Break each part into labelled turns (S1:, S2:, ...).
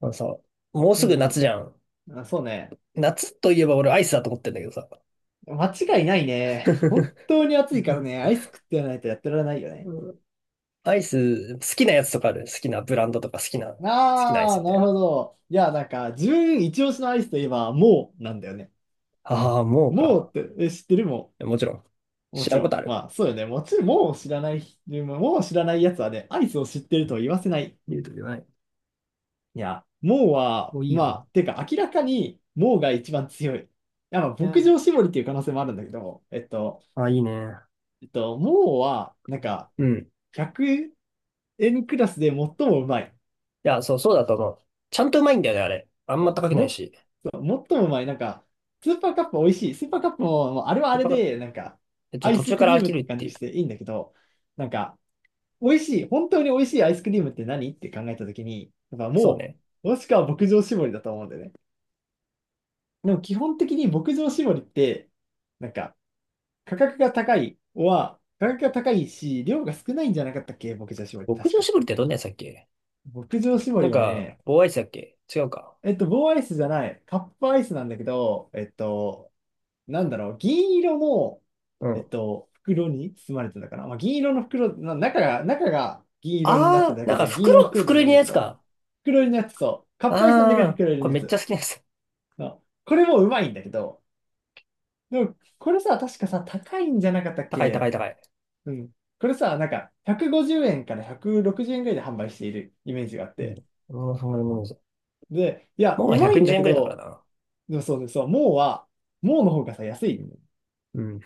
S1: あのさ、もう
S2: う
S1: すぐ夏
S2: ん。
S1: じゃん。
S2: あ、そうね。
S1: 夏といえば俺アイスだと思ってんだけどさ。
S2: 間違いないね。本 当に暑いからね、アイス食ってやらないとやってられないよ
S1: う
S2: ね。
S1: ん。アイス、好きなやつとかある？好きなブランドとか好きなアイ
S2: あ
S1: ス
S2: あ、
S1: み
S2: な
S1: たい
S2: る
S1: な。
S2: ほど。いや、なんか、自分一押しのアイスといえば、もうなんだよね。
S1: ああ、もう
S2: もう
S1: か。
S2: って、知ってる
S1: もちろん。
S2: も
S1: 知
S2: ち
S1: らん
S2: ろ
S1: ことあ
S2: ん。
S1: る？
S2: まあ、そうよね。もちろん、もう知らないやつはね、アイスを知ってるとは言わせない。
S1: 言うと言わない。
S2: いや、もうは、
S1: もういい
S2: ま
S1: よ
S2: あ、てか、明らかに、もうが一番強い。いや、まあ、
S1: な。
S2: 牧
S1: う、
S2: 場絞りっていう可能性もあるんだけど、
S1: あ、いいね。
S2: もうは、なんか、
S1: うん。い
S2: 1 N クラスで最もうまい。
S1: や、そう、そうだと思う。ちゃんとうまいんだよね、あれ。あんま
S2: そ
S1: 高く
S2: う
S1: な
S2: も
S1: い
S2: っ
S1: し。
S2: と、最もうまい。なんか、スーパーカップ美味しい。スーパーカップも、もうあれはあ
S1: やっ
S2: れ
S1: ぱ
S2: で、なんか、
S1: えち
S2: ア
S1: ょ、
S2: イ
S1: 途
S2: ス
S1: 中
S2: ク
S1: から
S2: リー
S1: 飽
S2: ム
S1: き
S2: っ
S1: るっ
S2: て感
S1: てい
S2: じ
S1: う。
S2: していいんだけど、なんか、美味しい、本当に美味しいアイスクリームって何って考えたときに、やっぱ
S1: そう
S2: も
S1: ね。
S2: う、もしくは牧場絞りだと思うんだよね。でも基本的に牧場絞りって、なんか、価格が高いし、量が少ないんじゃなかったっけ牧場絞り、
S1: 牧
S2: 確
S1: 場
S2: か。
S1: 絞りってどんなやつだっけ？
S2: 牧場絞
S1: なん
S2: りは
S1: か、
S2: ね、
S1: 棒アイスだっけ？違うか。
S2: えっと、棒アイスじゃない。カップアイスなんだけど、えっと、なんだろう、銀色の、
S1: う
S2: えっ
S1: ん。
S2: と、袋に包まれてたかな。まあ、銀色の袋、中が銀色になってる
S1: ああ、
S2: だ
S1: な
S2: け
S1: んか
S2: で、銀色の
S1: 袋、
S2: 袋では
S1: 袋
S2: な
S1: 入
S2: い
S1: り
S2: ん
S1: の
S2: だ
S1: や
S2: け
S1: つ
S2: ど、
S1: か。
S2: 袋入りのやつ、そう。カ
S1: あ
S2: ップアイスなんだけど、
S1: あ、
S2: 袋入り
S1: こ
S2: の
S1: れ
S2: や
S1: めっちゃ
S2: つ。
S1: 好きなやつ。
S2: のこれもうまいんだけど、でも、これさ、確かさ、高いんじゃなかったっ
S1: 高い高い
S2: け？
S1: 高い。
S2: うん。これさ、なんか、150円から160円ぐらいで販売しているイメージがあっ
S1: う
S2: て。
S1: ん。俺もうそんなもんです。
S2: で、いや、
S1: もう
S2: うまいん
S1: 120
S2: だ
S1: 円
S2: け
S1: ぐらいだから
S2: ど、
S1: な。
S2: でもそうです。そう、もうは、もうの方がさ、安いよね。
S1: うん。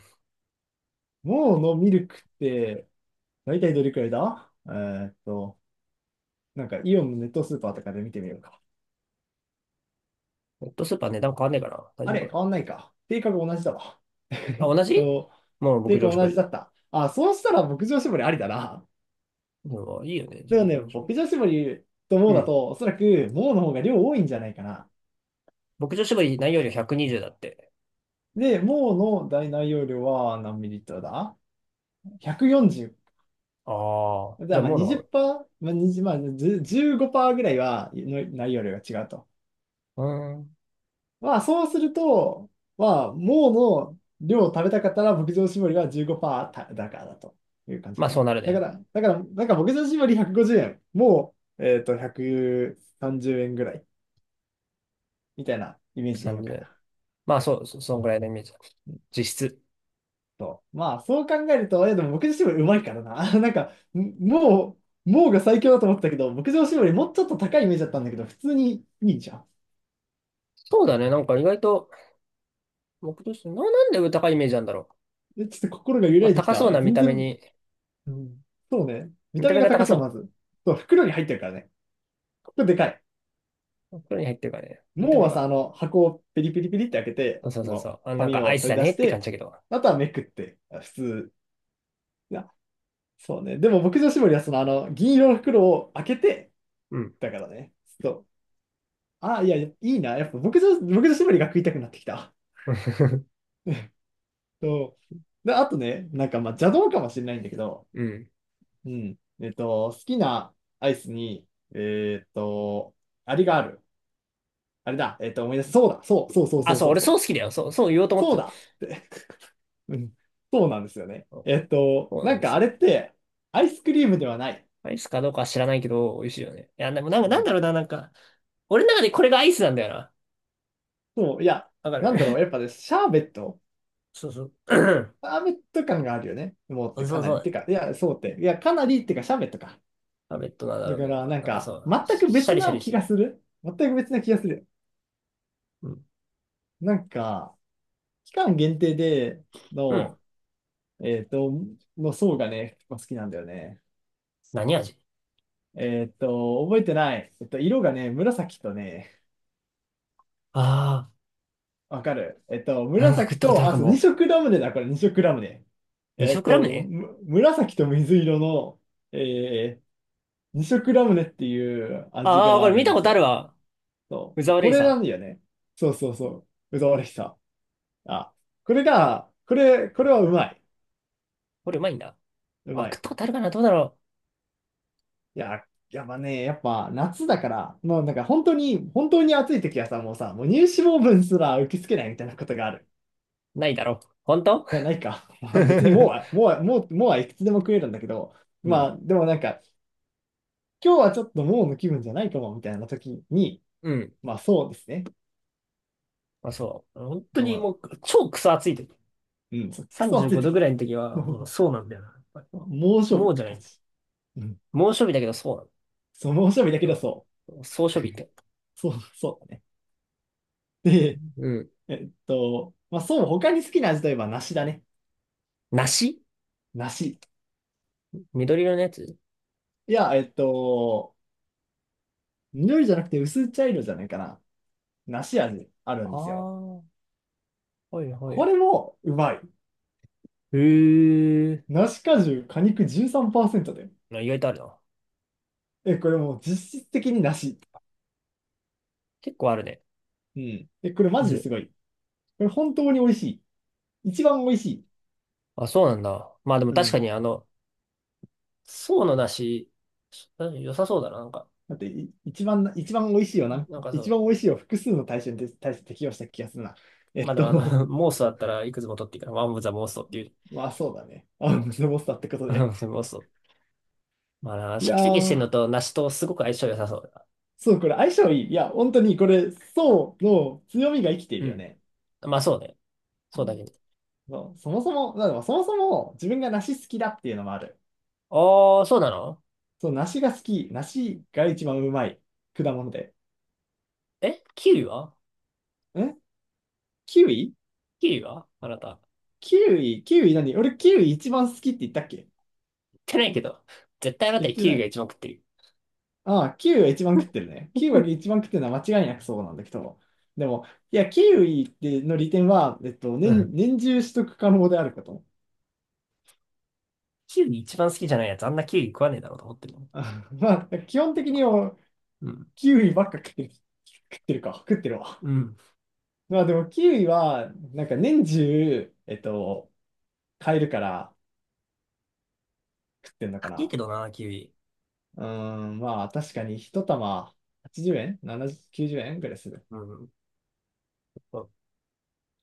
S2: もうのミルクって、大体どれくらいだ？えーっと、なんかイオンのネットスーパーとかで見てみようか。
S1: ネットスーパー値段変わんねえかな。大
S2: あ
S1: 丈夫
S2: れ、
S1: か
S2: 変わんないか。定価が同じだわ。
S1: な。
S2: えっ
S1: あ、同じ？
S2: と、
S1: もう牧
S2: 定価
S1: 場絞
S2: 同じ
S1: り。
S2: だった。あ、そうしたら牧場絞りありだな。
S1: でもいいよね、牧
S2: でもね、
S1: 場絞り。
S2: 牧場絞りと
S1: う
S2: もうだ
S1: ん。
S2: と、おそらくもうの方が量多いんじゃないかな。
S1: 牧場絞り内容量120だって。
S2: で、もうの大内容量は何ミリリットルだ？ ?145。
S1: ああ、
S2: じ
S1: じ
S2: ゃ
S1: ゃ
S2: あ
S1: あ
S2: まあ
S1: もうのが多い。
S2: 20%、まあ、20、まあ、10 15%ぐらいはの内容量が違うと。
S1: うーん。
S2: まあそうすると、まあ、もうの量を食べたかったら牧場搾りは15%だからだという感じ
S1: ま
S2: か
S1: あそう
S2: な。
S1: なる
S2: だか
S1: ね。
S2: ら、だから、なんか牧場搾り150円、もう、えっと、130円ぐらいみたいなイメージでいいのか
S1: 30。
S2: な。
S1: まあそう、そんぐらいのイメージだ。
S2: うん
S1: 実質。
S2: と、まあそう考えると、え、でも牧場搾りうまいからな。なんか、もうが最強だと思ったけど、牧場搾りもうちょっと高いイメージだったんだけど、普通にいいじゃん。
S1: そうだね。なんか意外と、牧場絞り、なんで高いイメージなんだろ
S2: えちょっと心が揺
S1: う。ま
S2: ら
S1: あ、
S2: いでき
S1: 高そ
S2: た。
S1: うな見
S2: 全
S1: た目
S2: 然、
S1: に。
S2: うんそうね。見
S1: 見
S2: た
S1: た
S2: 目
S1: 目
S2: が
S1: が高
S2: 高そう、ま
S1: そ
S2: ず。そう、袋に入ってるからね。ここでかい。
S1: う。袋に入ってるからね。見た
S2: もう
S1: 目
S2: はさ、あ
S1: が。
S2: の、箱をペリペリペリって開けて、
S1: そうそう
S2: そ
S1: そうそ
S2: の、
S1: う。あ、なん
S2: 紙
S1: かア
S2: を
S1: イス
S2: 取
S1: だ
S2: り出
S1: ね
S2: し
S1: って感じ
S2: て、
S1: だけど。
S2: あとはめくって、あ普通。いや、そうね。でも、牧場絞りは、その、あの、銀色の袋を開けて、
S1: うん。
S2: だからね。そう。あ、いや、いいな。やっぱ、牧場絞りが食いたくなってきた。そう。で、あとね、なんか、まあ、邪道かもしれないんだけど、
S1: うん。
S2: うん。えっと、好きなアイスに、えーっと、あれがある。あれだ。えっと、思い出す。そうだ。そうそうそう
S1: あ、
S2: そう
S1: そう、
S2: そう
S1: 俺
S2: そ
S1: そう
S2: う。
S1: 好きだよ。そう、そう言おうと思っ
S2: そ
S1: て
S2: う
S1: た。
S2: だって。うん。そうなんですよね。
S1: そう、
S2: えっと、
S1: そうな
S2: な
S1: ん
S2: ん
S1: で
S2: か
S1: す
S2: あれ
S1: よ。
S2: って、アイスクリームではない。
S1: アイスかどうかは知らないけど、美味しいよね。いや、でもなん
S2: う
S1: か、なん
S2: ん。
S1: だろうな、なんか、俺の中でこれがアイスなんだよな。
S2: そう、いや、
S1: わか
S2: な
S1: る。
S2: んだろう。やっぱね、シャーベット。
S1: そうそう。
S2: シャーベット感があるよね。もうっ
S1: そ
S2: てか
S1: う
S2: な
S1: そ
S2: り。て
S1: う。
S2: か、いや、そうって。いや、かなりってか、シャーベットか。
S1: タブレットなんだ
S2: だ
S1: ろう
S2: か
S1: けど。
S2: ら、なん
S1: なんかそ
S2: か、
S1: う、
S2: 全く
S1: シャ
S2: 別
S1: リシャ
S2: な
S1: リし
S2: 気
S1: て
S2: が
S1: る。
S2: する。全く別な気がする。
S1: うん。
S2: なんか、期間限定で
S1: うん。
S2: の、えっと、の層がね、結構好きなんだよね。
S1: 何味？
S2: えっと、覚えてない。えっと、色がね、紫とね、
S1: あ
S2: わかる。えっと、
S1: あー、なんか食っ
S2: 紫
S1: たことあ
S2: と、
S1: るか
S2: あ、そう、二
S1: も。
S2: 色ラムネだ、これ二色ラムネ。
S1: 二
S2: えっ
S1: 食ラム
S2: と、
S1: ネ？
S2: 紫と水色の、えー、二色ラムネっていう味
S1: ああー、
S2: が
S1: こ
S2: あ
S1: れ
S2: る
S1: 見
S2: ん
S1: た
S2: で
S1: こ
S2: す
S1: とある
S2: よ。
S1: わ。
S2: そ
S1: 宇
S2: う。
S1: 沢
S2: こ
S1: レイ
S2: れ
S1: さ
S2: な
S1: ん。
S2: んだよね。そうそうそう。うざわれしさ。あ、これが、これ、これはうまい。
S1: これうまいんだ。
S2: う
S1: あ、
S2: ま
S1: 食っ
S2: い。
S1: たことあるかな？どうだろ
S2: いや、やっぱね、やっぱ夏だから、もうなんか本当に、本当に暑い時はさ、もうさ、もう乳脂肪分すら受け付けないみたいなことがある。
S1: う。ないだろう。本当？
S2: いやないか。別にもうはいくつでも食えるんだけど、
S1: う
S2: ま
S1: ん。
S2: あでもなんか、今日はちょっともうの気分じゃないかもみたいな時に、
S1: うん。
S2: まあそうですね。
S1: まあ、そう。本当
S2: で
S1: に
S2: も、
S1: もう、超クソ暑い時。
S2: うん、そうクソ
S1: 35
S2: 暑い
S1: 度ぐ
S2: 時。
S1: らいの時は、もう そうなんだよな。やっぱり。
S2: 猛暑日っ
S1: もうじ
S2: て
S1: ゃな
S2: 感
S1: い。
S2: じ。うん。
S1: 猛暑日だけどそうなんだ。
S2: そう、猛暑日だけどそ
S1: そう、総暑日って。
S2: う。そう、そうだね。で、
S1: うん。
S2: えっと、まあそう、他に好きな味といえば梨だね。
S1: 梨？
S2: 梨。
S1: 緑色のやつ？
S2: いや、えっと、緑じゃなくて薄茶色じゃないかな。梨味ある
S1: あ
S2: んですよ。
S1: あー、はいは
S2: こ
S1: い。
S2: れもうまい。
S1: へえ。
S2: 梨果汁、果肉13%で。
S1: あ、意外とあるな。
S2: え、これもう実質的に梨。
S1: 結構あるね。
S2: うん。え、これマジです
S1: 味？
S2: ごい。これ本当に美味しい。一番美味しい。
S1: あ、そうなんだ。まあでも
S2: う
S1: 確か
S2: ん。
S1: にあの、層の梨、良さそうだな。なんか、
S2: だって、一番美味しいよな。
S1: そ
S2: 一
S1: う、
S2: 番美味しいを複数の対象にて対して適用した気がするな。え
S1: まあ
S2: っ
S1: でもあの、
S2: と、
S1: 妄想だったらいくつも取っていいから、ワンオブザ妄想って いう。
S2: まあそうだね。あ、ムスボスターってことで。
S1: 妄想。まあな、
S2: い
S1: シャ
S2: や
S1: キシャキしてんの
S2: ー、
S1: と梨とすごく相性良さそうだな。
S2: そう、これ相性いい。いや、本当にこれ、そうの強みが生きてい
S1: う
S2: るよ
S1: ん。
S2: ね。
S1: まあそうね。
S2: う
S1: そうだ
S2: ん
S1: けど。
S2: そうそもそも、だからそもそも自分が梨好きだっていうのもある。
S1: ああ、そうなの？
S2: そう、梨が好き。梨が一番うまい果物で。
S1: キウイは？
S2: んキウイ
S1: キウイはあなた。
S2: キウイ何俺キウイ一番好きって言ったっけ？
S1: 食ってないけど。絶対あなた
S2: 言って
S1: キウ
S2: な
S1: イが
S2: い。
S1: 一番食ってる。
S2: ああ、キウイが一番食ってるね。キウイが 一番食ってるのは間違いなくそうなんだけど。でも、いや、キウイっての利点は、えっと、
S1: うん。
S2: 年中取得可能であること。
S1: キウイ一番好きじゃないやつ、あんなキウイ食わねえだろうと思ってるの。
S2: あまあ、基本的には
S1: うん。
S2: キウイばっか食ってる。食ってるか。食ってるわ。
S1: うん。
S2: まあでもキウイは、なんか年中、えっと、買えるから食ってんのか
S1: 高い
S2: な。
S1: けどな、キウイ。
S2: うーん、まあ確かに一玉80円 ?70、90円ぐらいする。
S1: うん。そう、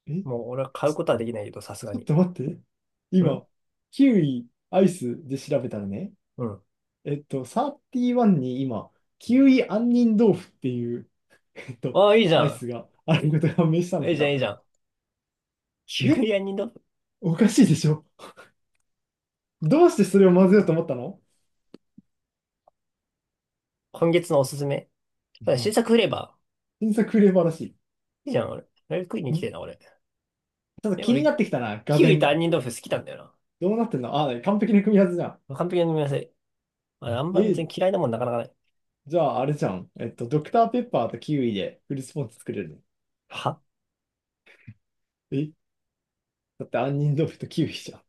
S2: え、ち
S1: もう俺は買うことはできないけど、さすが
S2: ちょっ
S1: に。
S2: と待って。
S1: うん
S2: 今、キウイアイスで調べたらね、
S1: うん。
S2: えっと、31に今、キウイ杏仁豆腐っていう、えっと、
S1: ああ、いいじゃ
S2: アイ
S1: ん。
S2: スがあることが判明したんだ
S1: い
S2: け
S1: いじゃん、
S2: ど、
S1: いいじゃん。キウ
S2: え、
S1: イ屋にどっ？
S2: おかしいでしょ？どうしてそれを混ぜようと思ったの？
S1: 今月のおすすめ。
S2: う
S1: 新
S2: ん。
S1: 作フレーバ
S2: 新作フレーバーらし
S1: ー。いいじゃん、俺。あれ食いに来て
S2: い。
S1: るな、俺。
S2: ちょっと
S1: え、
S2: 気にな
S1: 俺、
S2: ってきたな、俄
S1: キウイと
S2: 然。
S1: 杏仁豆腐好きなんだよ
S2: どうなってんの？あ、完璧な組み合わせじゃん。
S1: な。完璧な組み合わせ。あれあんま別
S2: え、
S1: に嫌いなもんなかなかない。
S2: じゃああれじゃん。えっと、ドクターペッパーとキウイでフルスポンジ作れるの。
S1: は？
S2: え、だって杏仁豆腐とキウイじゃん。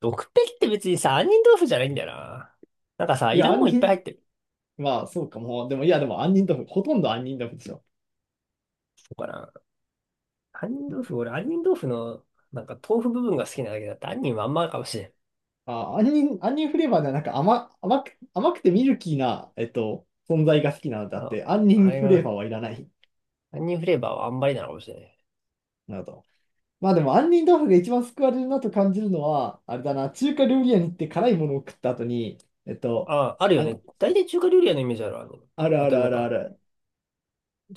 S1: 毒ペリって別にさ、杏仁豆腐じゃないんだよな。なんかさ、
S2: い
S1: いら
S2: や、
S1: んもん
S2: 杏
S1: いっぱい入
S2: 仁、
S1: ってる。
S2: まあそうかも。でも、いや、でも杏仁豆腐、ほとんど杏仁豆腐でしょ。
S1: そうかな。杏仁豆腐、俺、杏仁豆腐の、なんか豆腐部分が好きなだけだって、杏仁はあんまかもしれん。
S2: あ、杏仁、杏仁フレーバーではなんか甘くてミルキーな、存在が好きなので
S1: あ
S2: あっ
S1: の、
S2: て、杏
S1: あ
S2: 仁
S1: れ
S2: フレーバ
S1: が、
S2: ーはいらない。
S1: 杏仁フレーバーはあんまりなのかもしれない。
S2: なるほど。まあでも、杏仁豆腐が一番救われるなと感じるのは、あれだな、中華料理屋に行って辛いものを食った後に、えっと、
S1: あ、ある
S2: あ、
S1: よね。大体中華料理屋のイメージあるわ。あの、
S2: ある
S1: 当
S2: あ
S1: た
S2: る
S1: り
S2: あ
S1: 前
S2: るあ
S1: か。
S2: る。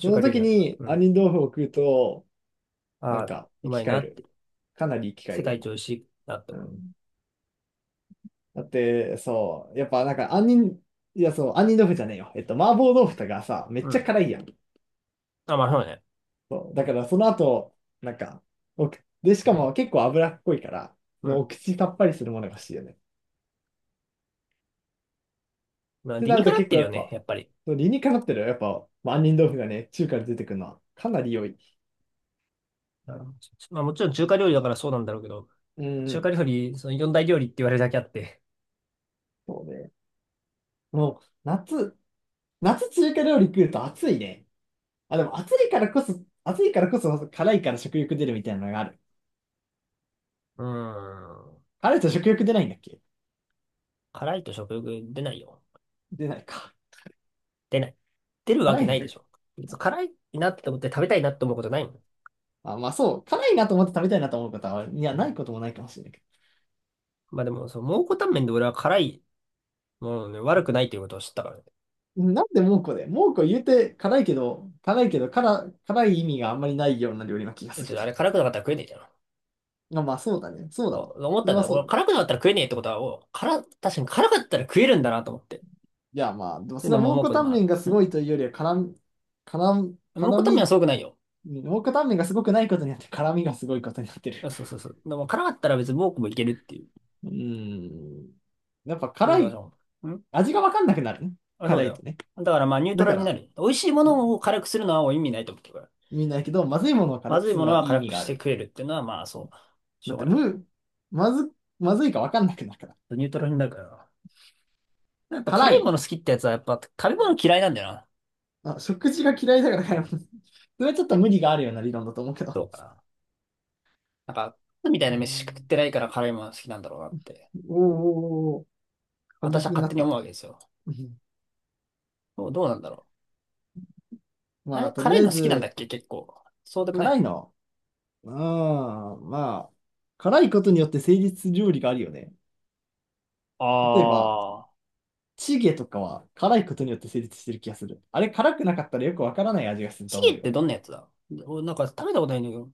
S2: そ
S1: 華
S2: の
S1: 料理
S2: 時
S1: なんだ。
S2: に
S1: うん。
S2: 杏仁豆腐を食うと、なん
S1: あ、
S2: か
S1: う
S2: 生
S1: ま
S2: き
S1: い
S2: 返
S1: な。
S2: る。かなり生き返
S1: 世
S2: る
S1: 界
S2: よ
S1: 一
S2: ね。
S1: 美味しいなって
S2: う
S1: 思う。
S2: ん。だって、そう、やっぱなんか杏仁、いやそう、杏仁豆腐じゃねえよ。えっと、麻婆豆腐とかさ、めっ
S1: う
S2: ちゃ
S1: ん。
S2: 辛いやん。
S1: あ、まあそうね。
S2: そう、だからその後、なんか、おくで、しかも結構脂っこいから、そ
S1: う
S2: の
S1: ん。
S2: お口さっぱりするものが欲しいよね。っ
S1: まあ
S2: て
S1: 理
S2: な
S1: に
S2: る
S1: か
S2: と
S1: なっ
S2: 結
S1: て
S2: 構
S1: る
S2: や
S1: よ
S2: っ
S1: ね、
S2: ぱ、
S1: やっぱり。
S2: そう理にかなってるよ。やっぱ、まあ杏仁豆腐がね、中華で出てくるのはかなり良い。
S1: あの、まあもちろん中華料理だからそうなんだろうけど、
S2: う
S1: 中華
S2: ん、
S1: 料理、その四大料理って言われるだけあって。
S2: そうね。もう、夏、夏中華料理食うと暑いね。あ、でも暑いからこそ、暑いからこそ辛いから食欲出るみたいなのがある。
S1: うーん。
S2: 辛いと食欲出ないんだっけ？
S1: 辛いと食欲出ないよ。
S2: 出ないか。
S1: 出ない。出るわ
S2: 辛
S1: け
S2: い
S1: ない
S2: の
S1: で
S2: が、
S1: しょ。別に辛いなって思って食べたいなって思うことないもん。
S2: あ、まあそう。辛いなと思って食べたいなと思う方は、いや、ないこともないかもしれないけ
S1: まあでも、その蒙古タンメンで俺は辛いものね、悪くないということを知ったからね。
S2: ど。なんで蒙古で蒙古言うて辛いけど、辛い意味があんまりないような料理な気がす
S1: 別、
S2: る
S1: ちょっ
S2: け
S1: と
S2: ど。
S1: あれ辛くなかったら食えねえじゃん。
S2: まあまあそうだね。そうだわ。
S1: 思っ
S2: そ
S1: た
S2: れ
S1: んだ
S2: は
S1: よ。
S2: そう
S1: 俺
S2: だね。
S1: 辛くなかったら食えねえってことは、確かに辛かったら食えるんだなと思って。
S2: いやまあ、でも
S1: で、
S2: それ
S1: の
S2: は
S1: も
S2: 蒙
S1: もう
S2: 古
S1: こで
S2: タ
S1: も
S2: ンメ
S1: あ
S2: ンがす
S1: る。
S2: ごいというよりは、
S1: んもう
S2: 辛
S1: こためは
S2: み、
S1: すごくないよ。
S2: 蒙古タンメンがすごくないことによって辛みがすごいことになってる。
S1: そうそうそう。でも辛かったら別に僕もいけるっていう。っ
S2: うん。やっぱ
S1: ていうこと
S2: 辛
S1: が
S2: い、
S1: そう。ん、
S2: 味がわかんなくなるね。
S1: あ、そう
S2: 辛
S1: だ
S2: いと
S1: よ。
S2: ね。
S1: だからまあニュート
S2: だ
S1: ラ
S2: か
S1: ルにな
S2: ら、
S1: る。美味しいものを辛くするのは意味ないと思ってるから。
S2: みんなやけど、まずいものを辛
S1: ま
S2: く
S1: ずい
S2: する
S1: も
S2: の
S1: の
S2: は
S1: は
S2: いい意
S1: 辛
S2: 味
S1: く
S2: が
S1: し
S2: あ
S1: て
S2: る。
S1: 食えるっていうのはまあそう。し
S2: だ
S1: ょ
S2: っ
S1: う
S2: て、
S1: がない。
S2: む、まず、まずいかわかんなくなるから。
S1: ニュートラルになるから。やっぱ
S2: 辛
S1: 辛いも
S2: い。
S1: の好きってやつはやっぱ食べ物嫌いなんだよな。
S2: あ、食事が嫌いだから
S1: う
S2: 辛い。
S1: ん。
S2: それはちょっと無理があるような理論だと思うけど。
S1: そうかな。なんか、みたい
S2: う
S1: な飯食っ
S2: ん。
S1: てないから辛いもの好きなんだろうなって。
S2: おーおーおー、過
S1: 私
S2: 激
S1: は
S2: に
S1: 勝
S2: な
S1: 手
S2: っ
S1: に思
S2: た。
S1: うわけですよ。
S2: うん、
S1: どうなんだろう。あ
S2: ま
S1: れ、
S2: あ、とり
S1: 辛
S2: あ
S1: い
S2: え
S1: の好きなんだっ
S2: ず、
S1: け、結構？そうでもな
S2: 辛い
S1: い。
S2: の。うん、まあ、辛いことによって成立する料理があるよね。例えば、
S1: ああ。
S2: チゲとかは辛いことによって成立してる気がする。あれ、辛くなかったらよくわからない味がする
S1: チ
S2: と思
S1: ゲ
S2: う
S1: って
S2: よ。
S1: どんなやつだ？俺なんか食べたことないんだけど、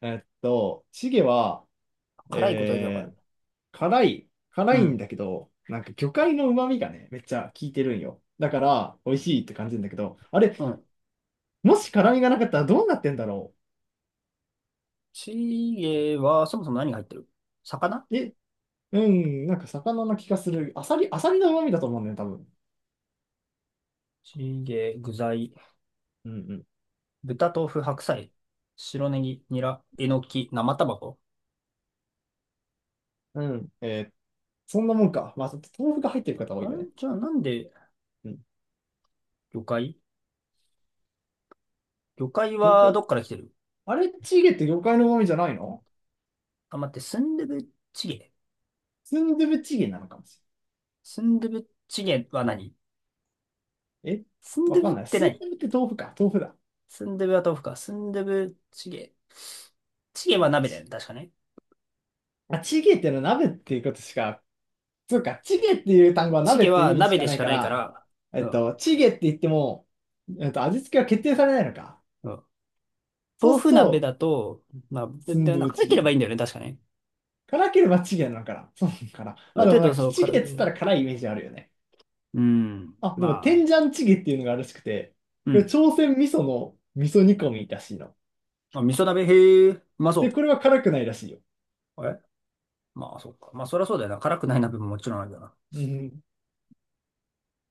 S2: えっと、チゲは、
S1: 辛いことだけわか
S2: え
S1: る。
S2: ー、辛い、
S1: う
S2: 辛いん
S1: ん。
S2: だけど、なんか魚介の旨味がね、めっちゃ効いてるんよ。だから、美味しいって感じるんだけど、あれ、
S1: うん。
S2: もし辛みがなかったらどうなってんだろ
S1: チゲはそもそも何が入ってる？魚？
S2: う。え、うん、なんか魚の気がする。アサリ、アサリの旨味だと思うんだよね、多分。
S1: チゲ、具材、
S2: うん
S1: 豚、豆腐、白菜、白ネギ、ニラ、えのき、生卵。
S2: うん。うん、そんなもんか。まあ、豆腐が入ってる方多
S1: あ、
S2: い
S1: ん
S2: よね。
S1: じゃあなんで
S2: うん。
S1: 魚介魚介
S2: 魚
S1: は
S2: 介、
S1: どっから来てる？
S2: あれ、チゲって魚介の旨味じゃないの？
S1: あ、待って、スンドゥブチゲ。
S2: スンドゥブチゲなのかもし
S1: スンドゥブチゲは何？
S2: れない。え、
S1: スンド
S2: わ
S1: ゥブ
S2: か
S1: っ
S2: んない。
S1: て
S2: スン
S1: 何？
S2: ドゥブって豆腐か。豆腐だ。
S1: スンドゥブは豆腐か。スンドゥブチゲ。チゲは鍋だよね、確かね。
S2: あ、チゲってのは鍋っていうことしか、そうか、チゲっていう単語は
S1: チ
S2: 鍋
S1: ゲ
S2: っていう
S1: は
S2: 意味し
S1: 鍋
S2: か
S1: で
S2: な
S1: し
S2: い
S1: か
S2: か
S1: ないか
S2: ら、
S1: ら、うん。
S2: チゲって言っても、味付けは決定されないのか。
S1: うん。
S2: そう
S1: 豆
S2: する
S1: 腐鍋
S2: と、
S1: だと、まあ、
S2: スン
S1: で、
S2: ドゥ
S1: なん
S2: ブ
S1: か辛
S2: チゲ
S1: けれ
S2: に
S1: ば
S2: な
S1: いいん
S2: る。
S1: だよね、確かね。
S2: 辛ければチゲなのかな。そうなのかな。
S1: あ
S2: まあ
S1: る
S2: で
S1: 程
S2: もなん
S1: 度、
S2: か、
S1: そう、
S2: チ
S1: 辛
S2: ゲっつった
S1: く、
S2: ら辛いイメージあるよね。
S1: うん、
S2: あ、でも、
S1: ま
S2: 天ジャ
S1: あ、
S2: ンチゲっていうのがあるらしくて、
S1: う
S2: これ、
S1: ん。
S2: 朝鮮味噌の味噌煮込みらしいの。
S1: まあ、味噌鍋、へえ、うま
S2: で、
S1: そ
S2: これは辛くないらしいよ。
S1: う。まあ、そっか。まあ、そりゃそうだよな。辛くない鍋ももちろんあるよな。
S2: うん。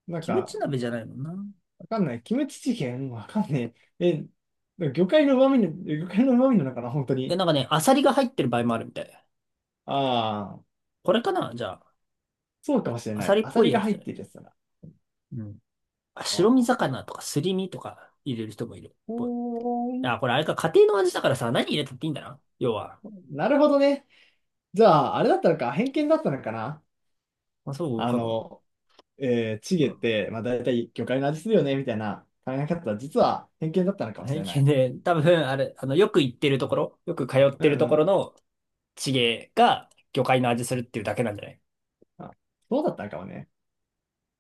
S2: なん
S1: キム
S2: か、
S1: チ鍋じゃないもんな。
S2: わかんない。キムチチゲンわかんねえ。え、魚介の旨味なのかな、本当
S1: いや、
S2: に。
S1: なんかね、アサリが入ってる場合もあるみたい。
S2: ああ、
S1: これかな、じゃあ。
S2: そうかもしれ
S1: ア
S2: な
S1: サ
S2: い。
S1: リっ
S2: アサ
S1: ぽい
S2: リ
S1: や
S2: が
S1: つ
S2: 入
S1: じゃ
S2: っ
S1: ない。
S2: てるやつだな。
S1: うん。あ、
S2: あ
S1: 白身
S2: あ、
S1: 魚とかすり身とか入れる人もいるっぽい。
S2: ほーん。
S1: あ、これあれか、家庭の味だからさ、何入れたっていいんだな、要は。
S2: なるほどね。じゃあ、あれだったのか、偏見だったのかな。
S1: まあ、そう
S2: あ
S1: かも。
S2: の、チゲって、まあ大体魚介の味するよね、みたいな考え方は実は偏見だったのかもし
S1: 体
S2: れな
S1: 験
S2: い。
S1: で、多分、あれ、あの、よく行ってるところ、よく通っ
S2: う
S1: てる
S2: ん
S1: と
S2: う
S1: ころ
S2: ん。
S1: の地芸が魚介の味するっていうだけなんじゃない？
S2: あ、そうだったのかもね。